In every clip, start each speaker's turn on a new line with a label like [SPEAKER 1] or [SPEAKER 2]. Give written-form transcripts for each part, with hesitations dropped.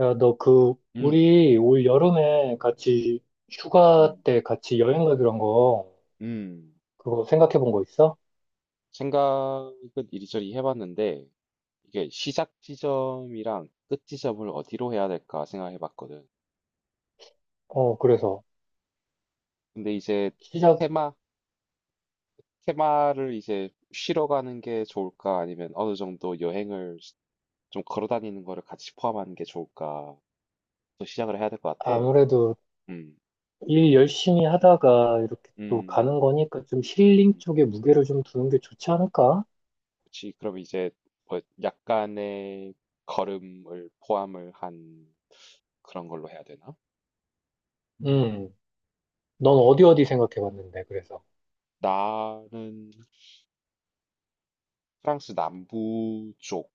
[SPEAKER 1] 야, 너 그,
[SPEAKER 2] 음.
[SPEAKER 1] 우리 올 여름에 같이 휴가
[SPEAKER 2] 음.
[SPEAKER 1] 때 같이 여행 가기로 한 거,
[SPEAKER 2] 음.
[SPEAKER 1] 그거 생각해 본 거 있어?
[SPEAKER 2] 생각은 이리저리 해 봤는데 이게 '시작 지점이랑 끝 지점을 어디로 해야 될까?' 생각해 봤거든.
[SPEAKER 1] 어, 그래서
[SPEAKER 2] 근데 이제
[SPEAKER 1] 시작,
[SPEAKER 2] 테마 테마를 이제 쉬러 가는 게 좋을까 아니면 어느 정도 여행을 좀 걸어 다니는 거를 같이 포함하는 게 좋을까 또 시작을 해야 될 것 같아.
[SPEAKER 1] 아무래도
[SPEAKER 2] 음.
[SPEAKER 1] 일 열심히 하다가 이렇게 또
[SPEAKER 2] 음.
[SPEAKER 1] 가는 거니까 좀 힐링
[SPEAKER 2] 음.
[SPEAKER 1] 쪽에 무게를 좀 두는 게 좋지 않을까?
[SPEAKER 2] 그치. 그럼 이제 뭐 약간의 걸음을 포함을 한 그런 걸로 해야 되나? 음.
[SPEAKER 1] 음, 넌 어디 어디 생각해 봤는데, 그래서.
[SPEAKER 2] 나는 프랑스 남부 쪽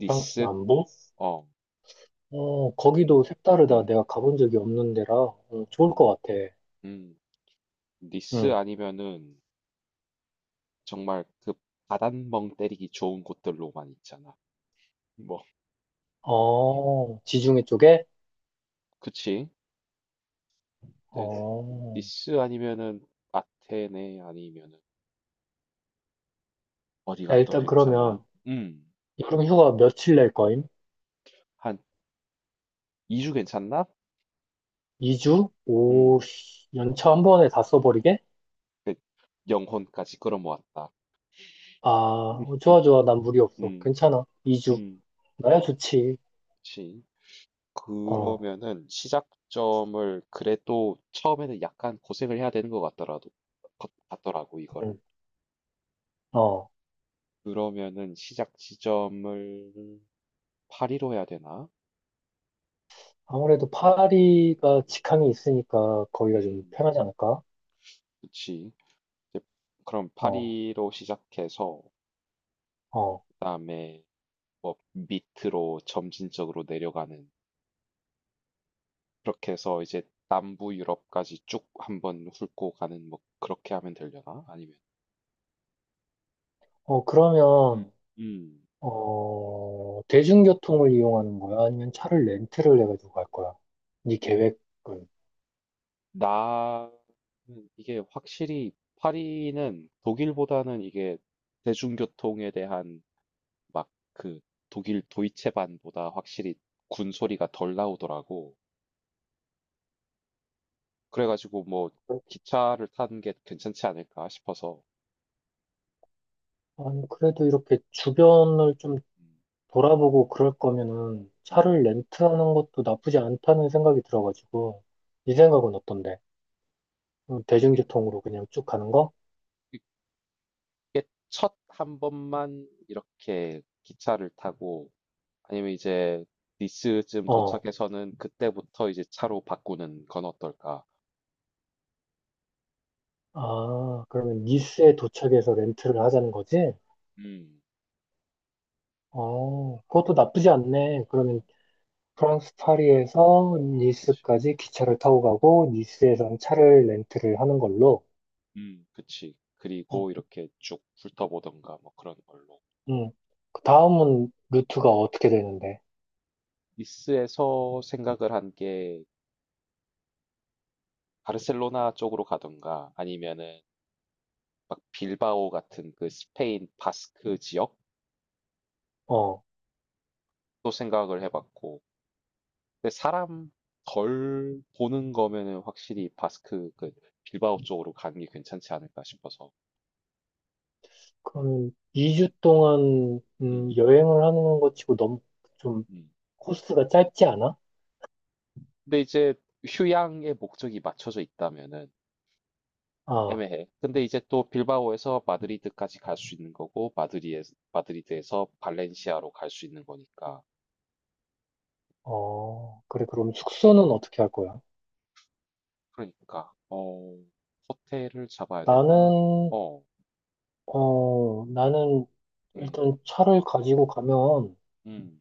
[SPEAKER 1] 프랑스 남부?
[SPEAKER 2] 어,
[SPEAKER 1] 어, 거기도 색다르다.
[SPEAKER 2] 음,
[SPEAKER 1] 내가 가본 적이 없는 데라, 좋을
[SPEAKER 2] 음.
[SPEAKER 1] 것 같아.
[SPEAKER 2] 음. 니스
[SPEAKER 1] 음,
[SPEAKER 2] 아니면은 정말 그 바닷멍 때리기 좋은 곳들로만 있잖아. 뭐,
[SPEAKER 1] 어, 지중해 쪽에?
[SPEAKER 2] 그치? 근데
[SPEAKER 1] 어,
[SPEAKER 2] 니스 아니면은 아테네 아니면은
[SPEAKER 1] 야,
[SPEAKER 2] 어디가 더
[SPEAKER 1] 일단 그러면,
[SPEAKER 2] 괜찮나?
[SPEAKER 1] 여름휴가 며칠 낼 거임?
[SPEAKER 2] 한 2주 괜찮나?
[SPEAKER 1] 2주?
[SPEAKER 2] 음,
[SPEAKER 1] 오, 씨, 연차 한 번에 다 써버리게?
[SPEAKER 2] 그 영혼까지 끌어모았다.
[SPEAKER 1] 아,
[SPEAKER 2] 음,
[SPEAKER 1] 어, 좋아, 좋아. 난 무리 없어.
[SPEAKER 2] 음,
[SPEAKER 1] 괜찮아. 2주.
[SPEAKER 2] 음,
[SPEAKER 1] 나야 좋지.
[SPEAKER 2] 그치.
[SPEAKER 1] 어,
[SPEAKER 2] 그러면은 시작점을 그래도 처음에는 약간 고생을 해야 되는 것 같더라도 같더라고
[SPEAKER 1] 응,
[SPEAKER 2] 이거를.
[SPEAKER 1] 어.
[SPEAKER 2] 그러면은 시작 지점을 파리로 해야 되나?
[SPEAKER 1] 아무래도 파리가 직항이 있으니까 거기가 좀
[SPEAKER 2] 음,
[SPEAKER 1] 편하지 않을까?
[SPEAKER 2] 그치. 이제 그럼
[SPEAKER 1] 어,
[SPEAKER 2] 파리로 시작해서
[SPEAKER 1] 어.
[SPEAKER 2] 그다음에 뭐 밑으로 점진적으로 내려가는 그렇게 해서 이제 남부 유럽까지 쭉 한번 훑고 가는 뭐 그렇게 하면 되려나? 아니면
[SPEAKER 1] 어,
[SPEAKER 2] 음,
[SPEAKER 1] 그러면,
[SPEAKER 2] 음.
[SPEAKER 1] 어, 대중교통을 이용하는 거야? 아니면 차를 렌트를 해가지고 갈 거야? 네 계획은?
[SPEAKER 2] 나는 이게 확실히 파리는 독일보다는 이게 대중교통에 대한 막 그 독일 도이체반보다 확실히 군 소리가 덜 나오더라고. 그래가지고 뭐 기차를 타는 게 괜찮지 않을까 싶어서.
[SPEAKER 1] 아니, 그래도 이렇게 주변을 좀
[SPEAKER 2] 음,
[SPEAKER 1] 돌아보고 그럴 거면은 차를
[SPEAKER 2] 음.
[SPEAKER 1] 렌트하는 것도 나쁘지 않다는 생각이 들어가지고, 이 생각은 어떤데?
[SPEAKER 2] 이게
[SPEAKER 1] 대중교통으로 그냥 쭉 가는 거?
[SPEAKER 2] 이게 첫 한 번만 이렇게 기차를 타고 아니면 이제 니스쯤
[SPEAKER 1] 어.
[SPEAKER 2] 도착해서는 그때부터 이제 차로 바꾸는 건 어떨까?
[SPEAKER 1] 아, 그러면
[SPEAKER 2] 음.
[SPEAKER 1] 니스에 도착해서 렌트를 하자는 거지?
[SPEAKER 2] 음.
[SPEAKER 1] 어, 그것도 나쁘지 않네. 그러면 프랑스 파리에서
[SPEAKER 2] 그치.
[SPEAKER 1] 니스까지 기차를 타고 가고,
[SPEAKER 2] 음.
[SPEAKER 1] 니스에선 차를 렌트를 하는 걸로.
[SPEAKER 2] 음. 그치. 그리고
[SPEAKER 1] 어.
[SPEAKER 2] 이렇게 쭉 훑어보던가 뭐 그런 걸로.
[SPEAKER 1] 음. 그 다음은
[SPEAKER 2] 음.
[SPEAKER 1] 루트가 어떻게 되는데?
[SPEAKER 2] 니스에서 생각을 한게 바르셀로나 쪽으로 가던가 아니면은 막 빌바오 같은 그 스페인 바스크 지역도
[SPEAKER 1] 어,
[SPEAKER 2] 생각을 해봤고. 근데 사람 덜 보는 거면은 확실히 바스크 그 빌바오 쪽으로 가는 게 괜찮지 않을까 싶어서.
[SPEAKER 1] 그럼
[SPEAKER 2] 음.
[SPEAKER 1] 2주 동안
[SPEAKER 2] 음.
[SPEAKER 1] 여행을 하는 것 치고 너무 좀
[SPEAKER 2] 음.
[SPEAKER 1] 코스가 짧지 않아?
[SPEAKER 2] 근데 이제 휴양의 목적이 맞춰져 있다면은
[SPEAKER 1] 아,
[SPEAKER 2] 애매해. 근데 이제 또 빌바오에서 마드리드까지 갈 수 있는 거고 마드리에 마드리드에서 발렌시아로 갈 수 있는 거니까.
[SPEAKER 1] 어, 그래, 그럼 숙소는
[SPEAKER 2] 음.
[SPEAKER 1] 어떻게 할 거야?
[SPEAKER 2] 그러니까 어 호텔을 잡아야 되나?
[SPEAKER 1] 나는,
[SPEAKER 2] 어.
[SPEAKER 1] 나는
[SPEAKER 2] 음.
[SPEAKER 1] 일단 차를 가지고 가면,
[SPEAKER 2] 음.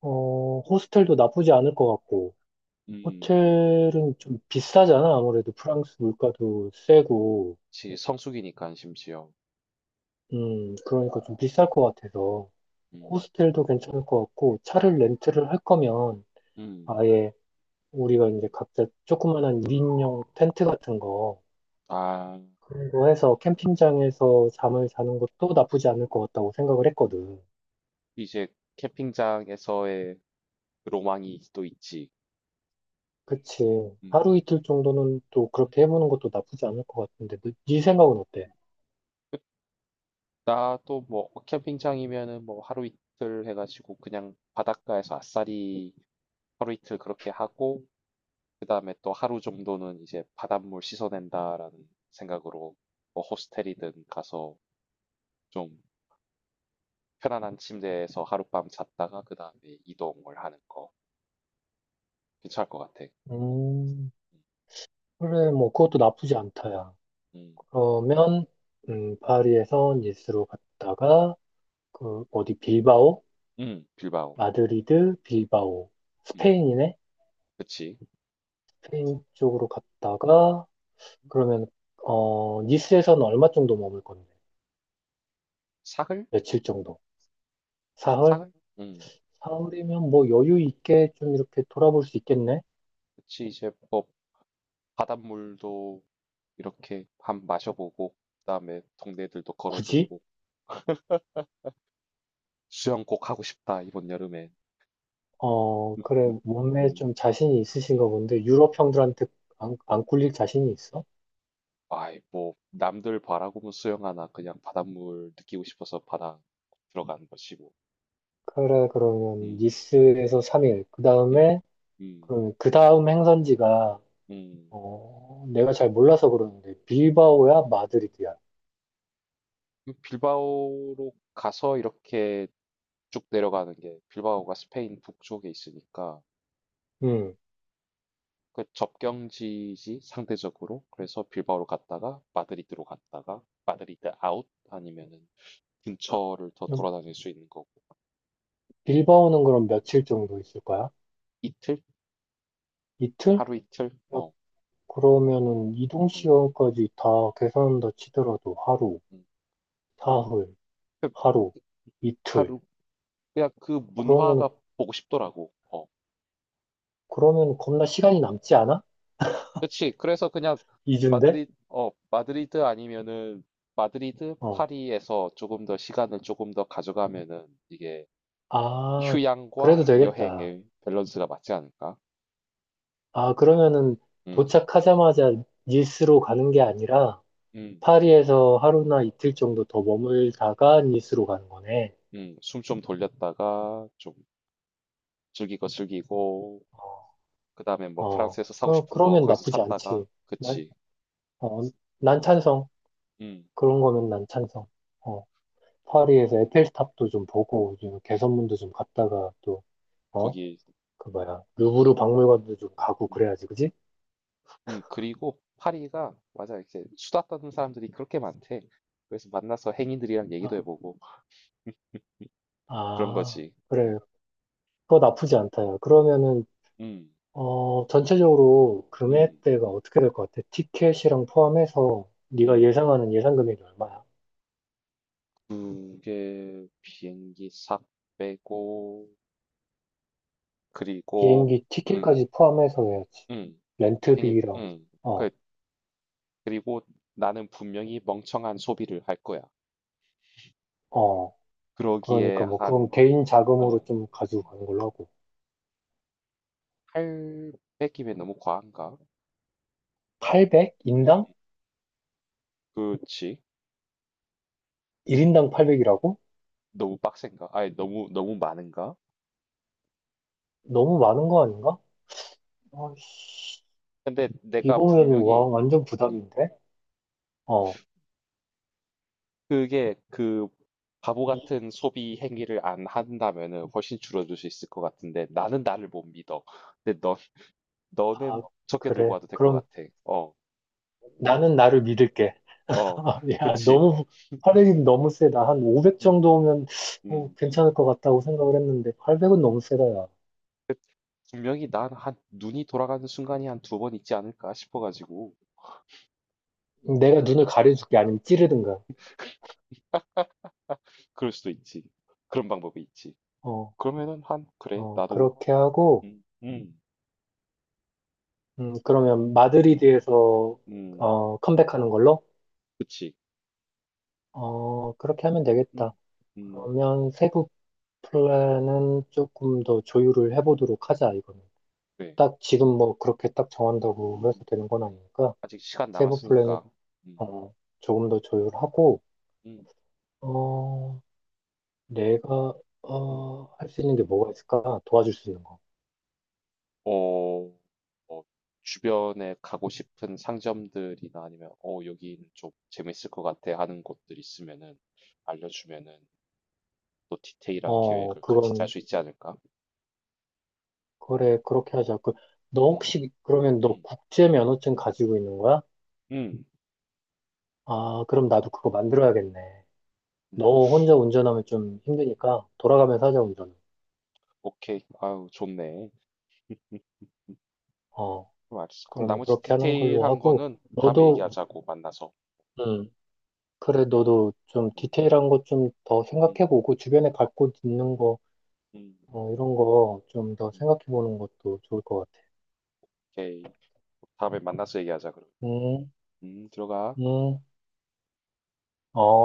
[SPEAKER 1] 어, 호스텔도 나쁘지 않을 것 같고,
[SPEAKER 2] 음.
[SPEAKER 1] 호텔은 좀 비싸잖아. 아무래도 프랑스 물가도 세고,
[SPEAKER 2] 지 성수기니까 심지어.
[SPEAKER 1] 그러니까 좀 비쌀 것 같아서,
[SPEAKER 2] 음.
[SPEAKER 1] 호스텔도 괜찮을 것 같고, 차를 렌트를 할 거면,
[SPEAKER 2] 음.
[SPEAKER 1] 아예 우리가 이제 각자 조그만한 1인용 텐트 같은 거,
[SPEAKER 2] 아.
[SPEAKER 1] 그런 거 해서
[SPEAKER 2] 음.
[SPEAKER 1] 캠핑장에서 잠을 자는 것도 나쁘지 않을 것 같다고 생각을 했거든.
[SPEAKER 2] 이제 캠핑장에서의 로망이 또 있지.
[SPEAKER 1] 그치.
[SPEAKER 2] 음.
[SPEAKER 1] 하루 이틀 정도는 또
[SPEAKER 2] 음.
[SPEAKER 1] 그렇게 해보는 것도 나쁘지 않을 것 같은데, 네 생각은 어때?
[SPEAKER 2] 나도 뭐 캠핑장이면은 뭐 하루 이틀 해가지고 그냥 바닷가에서 아싸리 하루 이틀 그렇게 하고 그다음에 또 하루 정도는 이제 바닷물 씻어낸다라는 생각으로 뭐 호스텔이든 가서 좀 편안한 침대에서 하룻밤 잤다가 그다음에 이동을 하는 거 괜찮을 것 같아. 어,
[SPEAKER 1] 음,
[SPEAKER 2] 음,
[SPEAKER 1] 그래, 뭐, 그것도 나쁘지 않다야.
[SPEAKER 2] 음,
[SPEAKER 1] 그러면, 파리에서 니스로 갔다가, 그, 어디, 빌바오?
[SPEAKER 2] 빌바오.
[SPEAKER 1] 마드리드, 빌바오.
[SPEAKER 2] 음,
[SPEAKER 1] 스페인이네?
[SPEAKER 2] 그치.
[SPEAKER 1] 스페인 쪽으로 갔다가, 그러면 니스에서는 얼마 정도 머물 건데?
[SPEAKER 2] 사흘?
[SPEAKER 1] 며칠 정도? 사흘?
[SPEAKER 2] 사흘? 음,
[SPEAKER 1] 사흘이면 뭐 여유 있게 좀 이렇게 돌아볼 수 있겠네?
[SPEAKER 2] 그치. 이제 뭐 바닷물도 이렇게 밥 마셔보고 그다음에 동네들도
[SPEAKER 1] 굳이?
[SPEAKER 2] 걸어보고 수영 꼭 하고 싶다 이번 여름에.
[SPEAKER 1] 어 그래 몸에
[SPEAKER 2] 음.
[SPEAKER 1] 좀 자신이 있으신가 본데 유럽 형들한테 안,
[SPEAKER 2] 아,
[SPEAKER 1] 안 꿀릴 자신이 있어?
[SPEAKER 2] 아이 뭐 남들 바라고면 수영하나 그냥 바닷물 느끼고 싶어서 바다 들어간 것이 고.
[SPEAKER 1] 그래 그러면
[SPEAKER 2] 음.
[SPEAKER 1] 니스에서 3일 그
[SPEAKER 2] 음.
[SPEAKER 1] 다음에
[SPEAKER 2] 음.
[SPEAKER 1] 그러면 그 다음 행선지가
[SPEAKER 2] 음.
[SPEAKER 1] 내가 잘 몰라서 그러는데
[SPEAKER 2] 음.
[SPEAKER 1] 빌바오야 마드리드야?
[SPEAKER 2] 그 빌바오로 가서 이렇게 쭉 내려가는 게 빌바오가 스페인 북쪽에 있으니까
[SPEAKER 1] 음
[SPEAKER 2] 그 접경지지 상대적으로 그래서 빌바오로 갔다가 마드리드로 갔다가 마드리드 아웃 아니면은 근처를 더 돌아다닐 수 있는 거고
[SPEAKER 1] 빌바오는 그럼 며칠 정도 있을 거야?
[SPEAKER 2] 이틀
[SPEAKER 1] 이틀?
[SPEAKER 2] 하루 이틀 어
[SPEAKER 1] 그러면은 이동
[SPEAKER 2] 음,
[SPEAKER 1] 시간까지 다 계산한다 치더라도 하루,
[SPEAKER 2] 음. 그-
[SPEAKER 1] 사흘,
[SPEAKER 2] 그
[SPEAKER 1] 하루, 이틀.
[SPEAKER 2] 하루 그냥 그
[SPEAKER 1] 그러면은
[SPEAKER 2] 문화가 보고 싶더라고 어
[SPEAKER 1] 겁나 시간이 남지 않아?
[SPEAKER 2] 그렇지 그래서 그냥
[SPEAKER 1] 이주인데?
[SPEAKER 2] 마드리 어 마드리드 아니면은 마드리드
[SPEAKER 1] 어.
[SPEAKER 2] 파리에서 조금 더 시간을 조금 더 가져가면은 이게
[SPEAKER 1] 아, 그래도
[SPEAKER 2] 휴양과
[SPEAKER 1] 되겠다.
[SPEAKER 2] 여행의 밸런스가 맞지 않을까.
[SPEAKER 1] 아, 그러면은
[SPEAKER 2] 음.
[SPEAKER 1] 도착하자마자 니스로 가는 게 아니라
[SPEAKER 2] 음.
[SPEAKER 1] 파리에서 하루나 이틀
[SPEAKER 2] 음.
[SPEAKER 1] 정도 더 머물다가 니스로 가는 거네.
[SPEAKER 2] 숨 좀 돌렸다가 좀 즐길 거 즐기고 그다음에 뭐
[SPEAKER 1] 어,
[SPEAKER 2] 프랑스에서 사고 싶은 거
[SPEAKER 1] 그러면
[SPEAKER 2] 거기서
[SPEAKER 1] 나쁘지
[SPEAKER 2] 샀다가
[SPEAKER 1] 않지. 난,
[SPEAKER 2] 그치.
[SPEAKER 1] 어, 난 찬성.
[SPEAKER 2] 음,
[SPEAKER 1] 그런 거면 난 찬성. 어. 파리에서 에펠탑도 좀 보고 좀 개선문도 좀 갔다가 또 어?
[SPEAKER 2] 거기
[SPEAKER 1] 그 뭐야 루브르 박물관도 좀 가고
[SPEAKER 2] 음,
[SPEAKER 1] 그래야지 그지?
[SPEAKER 2] 그리고 파리가 맞아 이렇게 수다 떠는 사람들이 그렇게 많대. 그래서 만나서 행인들이랑 얘기도
[SPEAKER 1] 아,
[SPEAKER 2] 해보고 그런
[SPEAKER 1] 아,
[SPEAKER 2] 거지. 음,
[SPEAKER 1] 그래 그거 나쁘지 않다요 그러면은
[SPEAKER 2] 음,
[SPEAKER 1] 전체적으로
[SPEAKER 2] 음,
[SPEAKER 1] 금액대가 어떻게 될 것 같아? 티켓이랑 포함해서 네가
[SPEAKER 2] 음.
[SPEAKER 1] 예상하는 예상 금액이 얼마야?
[SPEAKER 2] 그게 비행기 싹 빼고 그리고
[SPEAKER 1] 비행기
[SPEAKER 2] 음,
[SPEAKER 1] 티켓까지 포함해서 해야지
[SPEAKER 2] 음, 비행기
[SPEAKER 1] 렌트비랑 어
[SPEAKER 2] 그- 그리고 나는 분명히 멍청한 소비를 할 거야.
[SPEAKER 1] 어
[SPEAKER 2] 그러기에
[SPEAKER 1] 그러니까 뭐 그건
[SPEAKER 2] 한,
[SPEAKER 1] 개인
[SPEAKER 2] 어,
[SPEAKER 1] 자금으로 좀 가지고 가는 걸로 하고
[SPEAKER 2] 800이면 너무 과한가?
[SPEAKER 1] 800? 인당?
[SPEAKER 2] 그렇지.
[SPEAKER 1] 1인당 800이라고?
[SPEAKER 2] 너무 빡센가? 아니, 너무 많은가?
[SPEAKER 1] 너무 많은 거 아닌가? 아이씨,
[SPEAKER 2] 근데 내가
[SPEAKER 1] 이거에도 와,
[SPEAKER 2] 분명히
[SPEAKER 1] 완전
[SPEAKER 2] 음,
[SPEAKER 1] 부담인데? 어.
[SPEAKER 2] 그게 그 바보
[SPEAKER 1] 이-
[SPEAKER 2] 같은 소비 행위를 안 한다면은 훨씬 줄어들 수 있을 것 같은데 나는 나를 못 믿어. 근데
[SPEAKER 1] 아,
[SPEAKER 2] 너는 적게 들고
[SPEAKER 1] 그래.
[SPEAKER 2] 와도 될 것
[SPEAKER 1] 그럼
[SPEAKER 2] 같아. 어,
[SPEAKER 1] 나는 나를 믿을게.
[SPEAKER 2] 어,
[SPEAKER 1] 야,
[SPEAKER 2] 그치.
[SPEAKER 1] 화력이 너무 세다. 한 500
[SPEAKER 2] 음,
[SPEAKER 1] 정도면
[SPEAKER 2] 음.
[SPEAKER 1] 괜찮을 것 같다고 생각을 했는데, 800은 너무 세다, 야.
[SPEAKER 2] 그- 분명히 난 한 눈이 돌아가는 순간이 한 두 번 있지 않을까 싶어가지고.
[SPEAKER 1] 내가 눈을 가려줄게. 아니면 찌르든가.
[SPEAKER 2] 그럴 수도 있지. 그런 방법이 있지.
[SPEAKER 1] 어,
[SPEAKER 2] 그러면은 한 그래
[SPEAKER 1] 어,
[SPEAKER 2] 나도
[SPEAKER 1] 그렇게 하고,
[SPEAKER 2] 음, 음,
[SPEAKER 1] 그러면
[SPEAKER 2] 음,
[SPEAKER 1] 마드리드에서,
[SPEAKER 2] 음,
[SPEAKER 1] 어, 컴백하는 걸로?
[SPEAKER 2] 그치.
[SPEAKER 1] 어, 그렇게 하면 되겠다.
[SPEAKER 2] 음, 음,
[SPEAKER 1] 그러면 세부 플랜은 조금 더 조율을 해보도록 하자, 이거는.
[SPEAKER 2] 네.
[SPEAKER 1] 딱 지금 뭐 그렇게 딱 정한다고 해서
[SPEAKER 2] 음,
[SPEAKER 1] 되는 건
[SPEAKER 2] 음.
[SPEAKER 1] 아니니까,
[SPEAKER 2] 아직 시간
[SPEAKER 1] 세부 플랜은,
[SPEAKER 2] 남았으니까. 음,
[SPEAKER 1] 어, 조금 더 조율하고,
[SPEAKER 2] 음,
[SPEAKER 1] 어, 내가,
[SPEAKER 2] 음.
[SPEAKER 1] 할 수 있는 게 뭐가 있을까? 도와줄 수 있는 거.
[SPEAKER 2] 어, 어, 주변에 가고 싶은 상점들이나 아니면 어 여기는 좀 재밌을 것 같아 하는 곳들 있으면은 알려주면은 또 디테일한
[SPEAKER 1] 어,
[SPEAKER 2] 계획을 같이 짤
[SPEAKER 1] 그건,
[SPEAKER 2] 수 있지 않을까?
[SPEAKER 1] 그래, 그렇게 하자. 그, 너
[SPEAKER 2] 음,
[SPEAKER 1] 혹시, 그러면 너
[SPEAKER 2] 음,
[SPEAKER 1] 국제 면허증 가지고 있는 거야?
[SPEAKER 2] 음,
[SPEAKER 1] 아, 그럼 나도 그거 만들어야겠네.
[SPEAKER 2] 음.
[SPEAKER 1] 너 혼자 운전하면 좀 힘드니까, 돌아가면서 하자, 운전은.
[SPEAKER 2] 오케이. 아유, 좋네. 음.
[SPEAKER 1] 어,
[SPEAKER 2] 그럼 알았어. 그럼
[SPEAKER 1] 그럼
[SPEAKER 2] 나머지
[SPEAKER 1] 그렇게 하는 걸로
[SPEAKER 2] 디테일한
[SPEAKER 1] 하고,
[SPEAKER 2] 거는 다음에
[SPEAKER 1] 너도
[SPEAKER 2] 얘기하자고 만나서.
[SPEAKER 1] 음. 그래, 너도 좀
[SPEAKER 2] 음,
[SPEAKER 1] 디테일한 것 좀 더
[SPEAKER 2] 음,
[SPEAKER 1] 생각해보고, 주변에 갖고 있는 거,
[SPEAKER 2] 음,
[SPEAKER 1] 어, 이런 거 좀 더
[SPEAKER 2] 음.
[SPEAKER 1] 생각해보는 것도 좋을 것 같아.
[SPEAKER 2] 오케이. 다음에 만나서 얘기하자 그럼.
[SPEAKER 1] 음,
[SPEAKER 2] 들어가.
[SPEAKER 1] 음, 어.